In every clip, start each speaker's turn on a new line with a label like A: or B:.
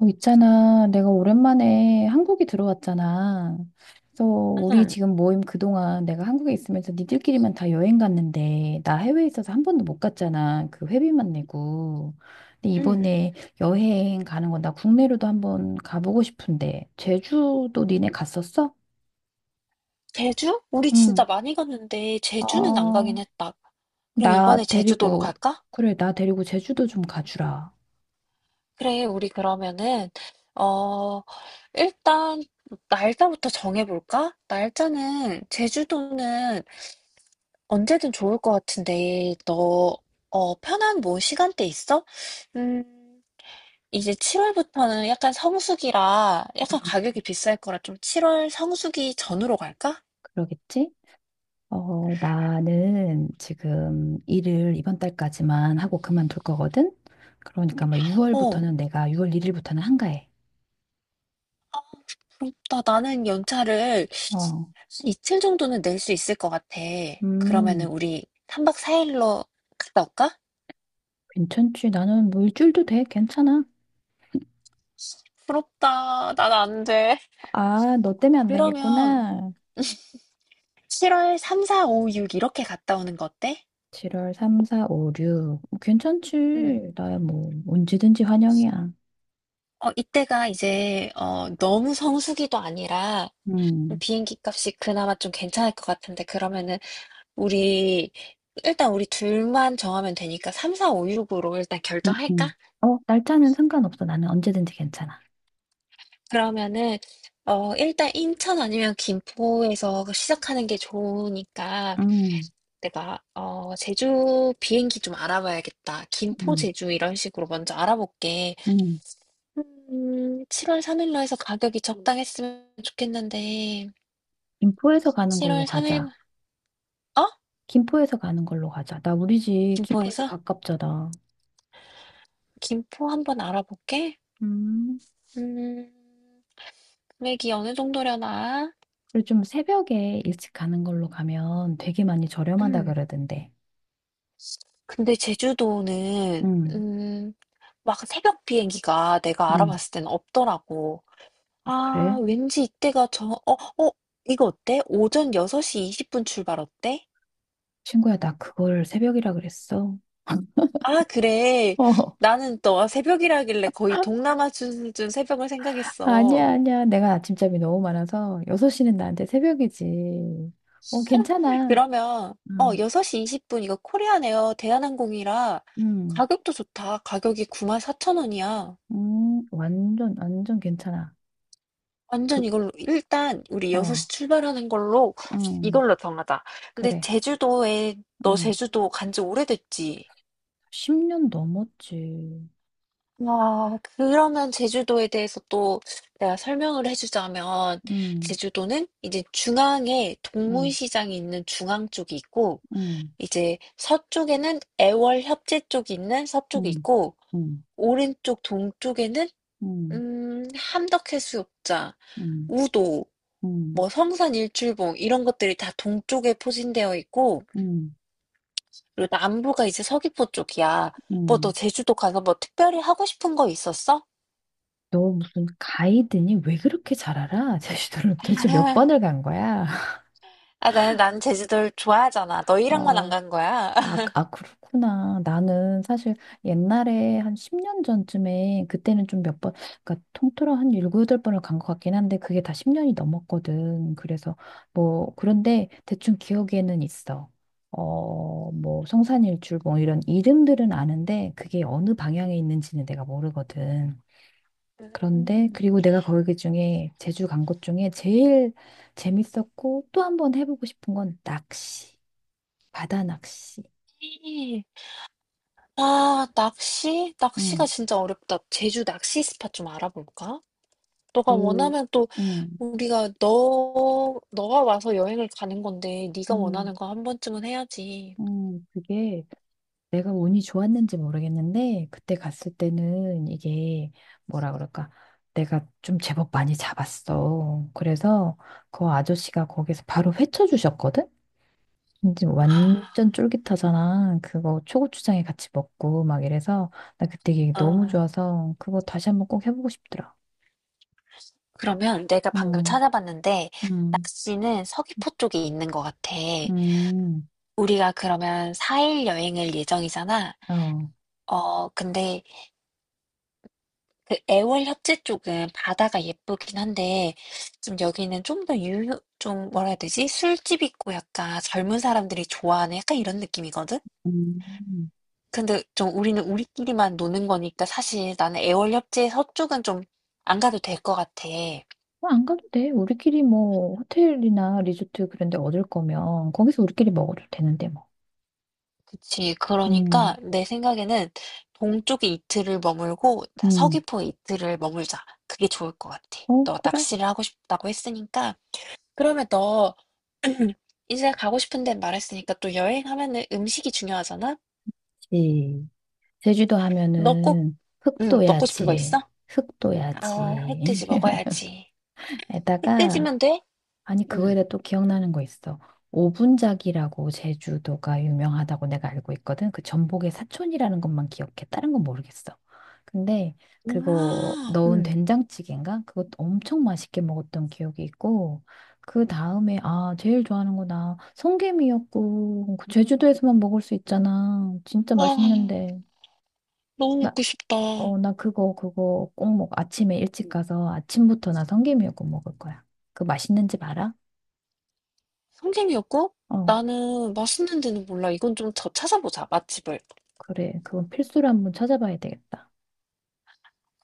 A: 있잖아. 내가 오랜만에 한국에 들어왔잖아. 그래서 우리
B: 음.
A: 지금 모임 그동안 내가 한국에 있으면서 니들끼리만 다 여행 갔는데 나 해외에 있어서 한 번도 못 갔잖아. 그 회비만 내고. 근데
B: 음.
A: 이번에 여행 가는 건 나 국내로도 한 번 가보고 싶은데 제주도 니네 갔었어?
B: 제주? 우리
A: 응.
B: 진짜 많이 갔는데 제주는 안 가긴
A: 어,
B: 했다. 그럼 이번에
A: 나
B: 제주도로
A: 데리고
B: 갈까?
A: 그래, 나 데리고 제주도 좀 가주라.
B: 그래, 우리 그러면은 어 일단 날짜부터 정해볼까? 날짜는 제주도는 언제든 좋을 것 같은데 너 편한 뭐 시간대 있어? 음 이제 7월부터는 약간 성수기라 약간 가격이 비쌀 거라 좀 7월 성수기 전으로 갈까?
A: 그러겠지? 나는 지금 일을 이번 달까지만 하고 그만둘 거거든? 그러니까 뭐
B: 어.
A: 6월부터는 내가 6월 1일부터는 한가해.
B: 그렇다. 나는 연차를
A: 어,
B: 이틀 정도는 낼 수 있을 것 같아. 그러면은
A: 음,
B: 우리 3박 4일로 갔다 올까?
A: 괜찮지. 나는 뭐 일주일도 돼. 괜찮아.
B: 부럽다. 난 안 돼.
A: 아, 너 때문에 안
B: 그러면
A: 되겠구나.
B: 7월 3, 4, 5, 6 이렇게 갔다 오는 거 어때?
A: 7월 3, 4, 5, 6.
B: 응.
A: 괜찮지. 나야 뭐 언제든지 환영이야.
B: 이때가 이제 너무 성수기도 아니라
A: 음,
B: 비행기 값이 그나마 좀 괜찮을 것 같은데 그러면은 우리 일단 우리 둘만 정하면 되니까 3, 4, 5, 6으로 일단
A: 음,
B: 결정할까?
A: 음. 날짜는 상관없어. 나는 언제든지 괜찮아.
B: 그러면은 일단 인천 아니면 김포에서 그 시작하는 게 좋으니까
A: 음,
B: 내가 제주 비행기 좀 알아봐야겠다. 김포
A: 음,
B: 제주 이런 식으로 먼저 알아볼게.
A: 음.
B: 7월 3일로 해서 가격이 적당했으면 좋겠는데
A: 김포에서 가는 걸로
B: 7월 3일
A: 가자.
B: 어?
A: 김포에서 가는 걸로 가자. 나 우리 집 김포에서
B: 김포에서?
A: 가깝잖아.
B: 김포 한번 알아볼게.
A: 음,
B: 음 금액이 어느 정도려나?
A: 그리고 좀 새벽에 일찍 가는 걸로 가면 되게 많이 저렴하다
B: 음.
A: 그러던데.
B: 근데 제주도는
A: 응,
B: 음, 막 새벽 비행기가 내가
A: 응.
B: 알아봤을 때는 없더라고.
A: 어, 그래?
B: 아, 왠지 이때가 이거 어때? 오전 6시 20분 출발 어때?
A: 친구야, 나 그걸 새벽이라 그랬어.
B: 아, 그래.
A: 어,
B: 나는 또 새벽이라길래 거의 동남아 수준 새벽을 생각했어.
A: 아니야, 아니야. 내가 아침잠이 너무 많아서 6시는 나한테 새벽이지. 괜찮아.
B: 그러면,
A: 응.
B: 6시 20분 이거 코리안 에어 대한항공이라
A: 응,
B: 가격도 좋다. 가격이 94,000원이야.
A: 응, 완전, 완전 괜찮아.
B: 완전
A: 그,
B: 이걸로 일단 우리 6시
A: 어,
B: 출발하는 걸로
A: 응,
B: 이걸로 정하자. 근데
A: 그래.
B: 제주도에 너
A: 응.
B: 제주도 간지 오래됐지?
A: 10년 넘었지.
B: 와, 그러면 제주도에 대해서 또 내가 설명을 해주자면
A: 응.
B: 제주도는 이제 중앙에
A: 음,
B: 동문시장이 있는 중앙 쪽이 있고
A: 음,
B: 이제 서쪽에는 애월협재 쪽이 있는 서쪽이
A: 음,
B: 있고
A: 음,
B: 오른쪽 동쪽에는
A: 음,
B: 함덕해수욕장,
A: 음,
B: 우도
A: 음,
B: 뭐 성산 일출봉 이런 것들이 다 동쪽에 포진되어 있고
A: 음,
B: 그리고 남부가 이제 서귀포 쪽이야. 뭐 너
A: 음.
B: 제주도 가서 뭐 특별히 하고 싶은 거 있었어?
A: 너 무슨 가이드니? 왜 그렇게 잘 알아? 제주도를 도대체 몇
B: 아,
A: 번을 간 거야?
B: 나는 난 제주도를 좋아하잖아. 너희랑만 안 간 거야.
A: 아, 그렇구나. 나는 사실 옛날에 한 10년 전쯤에 그때는 좀 몇 번, 그러니까 통틀어 한 7, 8번을 간 것 같긴 한데 그게 다 10년이 넘었거든. 그래서 뭐, 그런데 대충 기억에는 있어. 뭐, 성산일출 뭐 이런 이름들은 아는데 그게 어느 방향에 있는지는 내가 모르거든. 그런데
B: 음.
A: 그리고 내가 거기 그 중에 제주 간 곳 중에 제일 재밌었고 또 한 번 해보고 싶은 건 낚시, 바다 낚시.
B: 아, 낚시? 낚시가
A: 응.
B: 진짜 어렵다. 제주 낚시 스팟 좀 알아볼까? 너가
A: 그,
B: 원하면 또
A: 음,
B: 우리가 너 너가 와서 여행을 가는 건데 네가 원하는
A: 음,
B: 거 한 번쯤은 해야지.
A: 음. 그게 내가 운이 좋았는지 모르겠는데, 그때 갔을 때는 이게 뭐라 그럴까. 내가 좀 제법 많이 잡았어. 그래서 그 아저씨가 거기서 바로 회쳐 주셨거든? 근데
B: 아,
A: 완전 쫄깃하잖아. 그거 초고추장에 같이 먹고 막 이래서 나 그때 이게 너무
B: 아.
A: 좋아서 그거 다시 한번 꼭 해보고 싶더라.
B: 그러면 내가 방금
A: 음,
B: 찾아봤는데
A: 음,
B: 낚시는 서귀포 쪽에 있는 것 같아.
A: 음,
B: 우리가 그러면 4일 여행을 예정이잖아.
A: 어,
B: 근데 그 애월 협재 쪽은 바다가 예쁘긴 한데 좀 여기는 좀 더 좀 뭐라 해야 되지? 술집 있고 약간 젊은 사람들이 좋아하는 약간 이런 느낌이거든?
A: 음.
B: 근데 좀 우리는 우리끼리만 노는 거니까 사실 나는 애월 협재 서쪽은 좀 안 가도 될 것 같아.
A: 아, 안 가도 돼. 우리끼리 뭐 호텔이나 리조트 그런 데 얻을 거면 거기서 우리끼리 먹어도 되는데 뭐.
B: 그치. 그러니까
A: 음,
B: 내 생각에는 동쪽에 이틀을 머물고
A: 음.
B: 서귀포에 이틀을 머물자. 그게 좋을 것 같아.
A: 어,
B: 너 낚시를 하고 싶다고 했으니까. 그러면 너 이제 가고 싶은 데 말했으니까 또 여행하면은 음식이 중요하잖아?
A: 그렇지. 제주도
B: 너 꼭,
A: 하면은
B: 응, 먹고 싶은 거 있어?
A: 흑도야지,
B: 아,
A: 흑도야지.
B: 흑돼지 먹어야지.
A: 에다가
B: 흑돼지면 돼?
A: 아니, 그거에
B: 응,
A: 대해 또 기억나는 거 있어. 오분작이라고 제주도가 유명하다고 내가 알고 있거든. 그 전복의 사촌이라는 것만 기억해. 다른 건 모르겠어. 근데 그거
B: 아,
A: 넣은
B: 응.
A: 된장찌개인가? 그것 엄청 맛있게 먹었던 기억이 있고, 그 다음에, 아, 제일 좋아하는 거나 성게미역국. 그 제주도에서만 먹을 수 있잖아. 진짜
B: 아,
A: 맛있는데.
B: 너무
A: 나,
B: 먹고 싶다.
A: 나 그거 꼭 먹어. 아침에 일찍 가서 아침부터 나 성게미역국 먹을 거야. 그 맛있는 집 알아?
B: 성게미역국?
A: 어.
B: 나는 맛있는 데는 몰라. 이건 좀 더 찾아보자, 맛집을.
A: 그래. 그건 필수로 한번 찾아봐야 되겠다.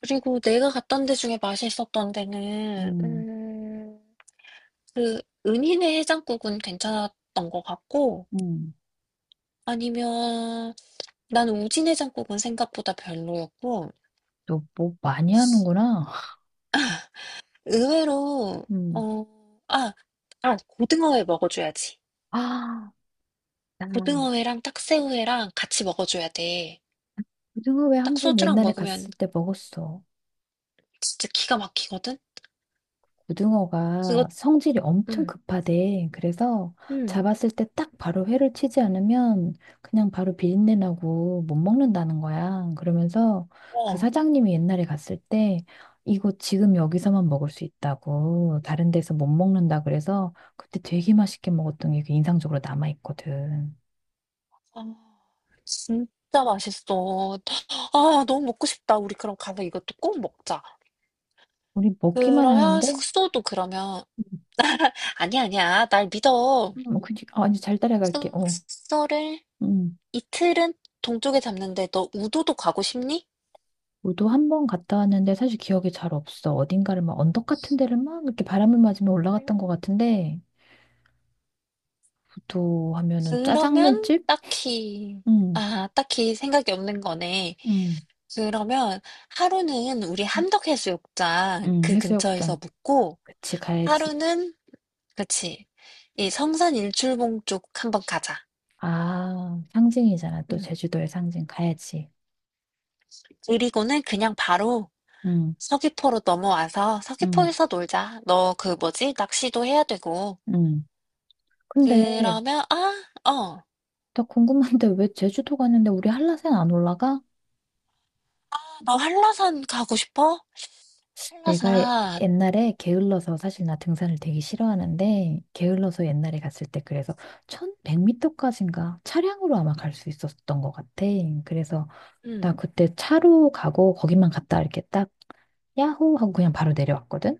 B: 그리고 내가 갔던 데 중에 맛있었던 데는
A: 음,
B: 그 은희네 해장국은 괜찮았던 것 같고
A: 음,
B: 아니면 난 우진 해장국은 생각보다 별로였고
A: 너 뭐 많이 하는구나.
B: 의외로
A: 음.
B: 어, 아, 고등어회 먹어줘야지.
A: 아, 나,
B: 고등어회랑 딱새우회랑 같이 먹어줘야 돼.
A: 고등어 회 한
B: 딱
A: 번
B: 소주랑
A: 옛날에
B: 먹으면
A: 갔을 때 먹었어.
B: 진짜 기가 막히거든. 그거
A: 고등어가 성질이 엄청
B: 음,
A: 급하대. 그래서
B: 음,
A: 잡았을 때 딱 바로 회를 치지 않으면 그냥 바로 비린내 나고 못 먹는다는 거야. 그러면서 그 사장님이 옛날에 갔을 때 이거 지금 여기서만 먹을 수 있다고 다른 데서 못 먹는다 그래서 그때 되게 맛있게 먹었던 게 그 인상적으로 남아 있거든.
B: 아, 진짜 맛있어. 아, 너무 먹고 싶다. 우리 그럼 가서 이것도 꼭 먹자.
A: 우리 먹기만
B: 그러면
A: 하는데
B: 숙소도 그러면 아니야, 아니야. 날 믿어.
A: 뭐 그지? 아, 이제 잘 따라갈게. 어.
B: 숙소를
A: 음.
B: 이틀은 동쪽에 잡는데 너 우도도 가고 싶니?
A: 우도 한 번 갔다 왔는데 사실 기억이 잘 없어. 어딘가를 막 언덕 같은 데를 막 이렇게 바람을 맞으며 올라갔던 것
B: 음.
A: 같은데 우도 하면은
B: 그러면
A: 짜장면집? 응,
B: 딱히 생각이 없는 거네.
A: 응,
B: 그러면 하루는 우리
A: 응,
B: 함덕해수욕장
A: 응,
B: 그
A: 해수욕장.
B: 근처에서 묵고
A: 그치, 가야지.
B: 하루는 그치. 이 성산 일출봉 쪽 한번 가자.
A: 아, 상징이잖아. 또
B: 응.
A: 제주도의 상징 가야지.
B: 그리고는 그냥 바로
A: 응,
B: 서귀포로 넘어와서
A: 응,
B: 서귀포에서 놀자. 너 그 뭐지? 낚시도 해야 되고.
A: 응. 근데
B: 그러면.
A: 나 궁금한데 왜 제주도 가는데 우리 한라산 안 올라가?
B: 너 한라산 가고 싶어?
A: 내가
B: 한라산.
A: 옛날에 게을러서 사실 나 등산을 되게 싫어하는데 게을러서 옛날에 갔을 때 그래서 1100m까지인가 차량으로 아마 갈 수 있었던 것 같아. 그래서 나
B: 음,
A: 그때 차로 가고 거기만 갔다 이렇게 딱 야호 하고 그냥 바로 내려왔거든.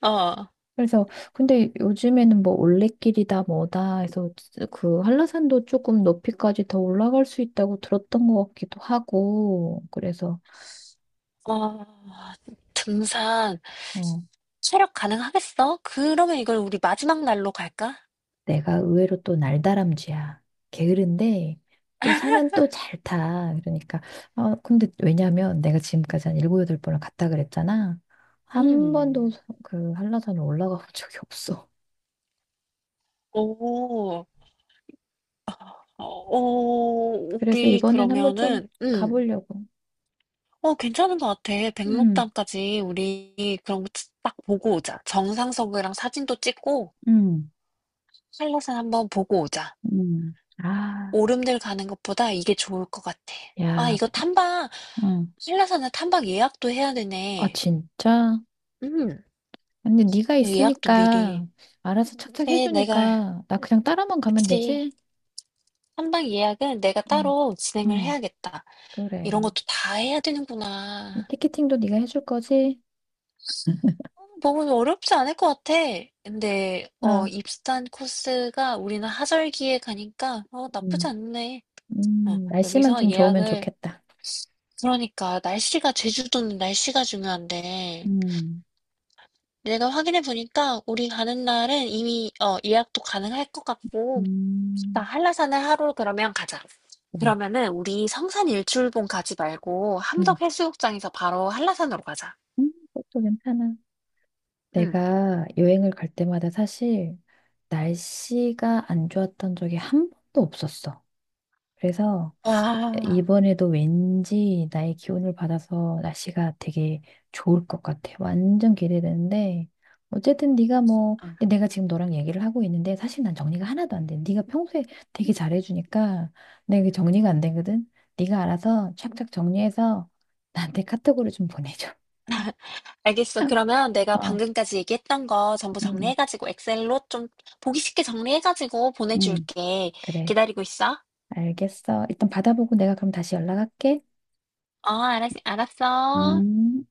B: 어,
A: 그래서 근데 요즘에는 뭐 올레길이다 뭐다 해서 그 한라산도 조금 높이까지 더 올라갈 수 있다고 들었던 것 같기도 하고 그래서
B: 어. 등산.
A: 어.
B: 체력 가능하겠어? 그러면 이걸 우리 마지막 날로 갈까?
A: 내가 의외로 또 날다람쥐야. 게으른데 또 산은 또 잘 타. 그러니까 근데 왜냐면 내가 지금까지 한 일곱 여덟 번을 갔다 그랬잖아. 한 번도
B: 음.
A: 그 한라산에 올라가 본 적이 없어.
B: 오,
A: 그래서
B: 우리
A: 이번엔 한번 좀
B: 그러면은.
A: 가보려고.
B: 괜찮은 것 같아.
A: 음,
B: 백록담까지 우리 그런 거 딱 보고 오자. 정상석이랑 사진도 찍고
A: 음,
B: 한라산 한번 보고 오자.
A: 아,
B: 오름들 가는 것보다 이게 좋을 것 같아. 아,
A: 야, 음.
B: 한라산은 탐방 예약도 해야
A: 아,
B: 되네.
A: 진짜?
B: 음,
A: 근데 네가
B: 예약도 미리.
A: 있으니까 알아서 착착
B: 네, 내가,
A: 해주니까 나 그냥 따라만 가면
B: 그치.
A: 되지?
B: 탐방 예약은 내가
A: 음,
B: 따로 진행을
A: 음.
B: 해야겠다. 이런
A: 그래.
B: 것도 다 해야 되는구나.
A: 티켓팅도 네가 해줄 거지?
B: 너무 어렵지 않을 것 같아. 근데
A: 어,
B: 입산 코스가 우리는 하절기에 가니까 나쁘지
A: 음.
B: 않네.
A: 날씨만
B: 여기서
A: 좀 좋으면
B: 예약을
A: 좋겠다.
B: 그러니까 날씨가 제주도는 날씨가 중요한데
A: 음,
B: 내가 확인해 보니까 우리 가는 날은 이미 예약도 가능할 것 같고 나
A: 음,
B: 한라산을 하루 그러면 가자.
A: 그래.
B: 그러면은 우리 성산 일출봉 가지 말고
A: 음,
B: 함덕해수욕장에서 바로 한라산으로 가자.
A: 그것도 괜찮아.
B: 응.
A: 내가 여행을 갈 때마다 사실 날씨가 안 좋았던 적이 한 번도 없었어. 그래서
B: 와.
A: 이번에도 왠지 나의 기운을 받아서 날씨가 되게 좋을 것 같아. 완전 기대되는데 어쨌든 네가 뭐 근데 내가 지금 너랑 얘기를 하고 있는데 사실 난 정리가 하나도 안 돼. 네가 평소에 되게 잘해주니까 내가 이게 정리가 안 되거든. 네가 알아서 착착 정리해서 나한테 카톡으로 좀 보내줘.
B: 알겠어. 그러면 내가
A: 어,
B: 방금까지 얘기했던 거 전부
A: 음,
B: 정리해가지고 엑셀로 좀 보기 쉽게 정리해가지고
A: 음,
B: 보내줄게.
A: 그래.
B: 기다리고 있어.
A: 알겠어. 일단 받아보고 내가 그럼 다시 연락할게.
B: 어, 알았어.
A: 음.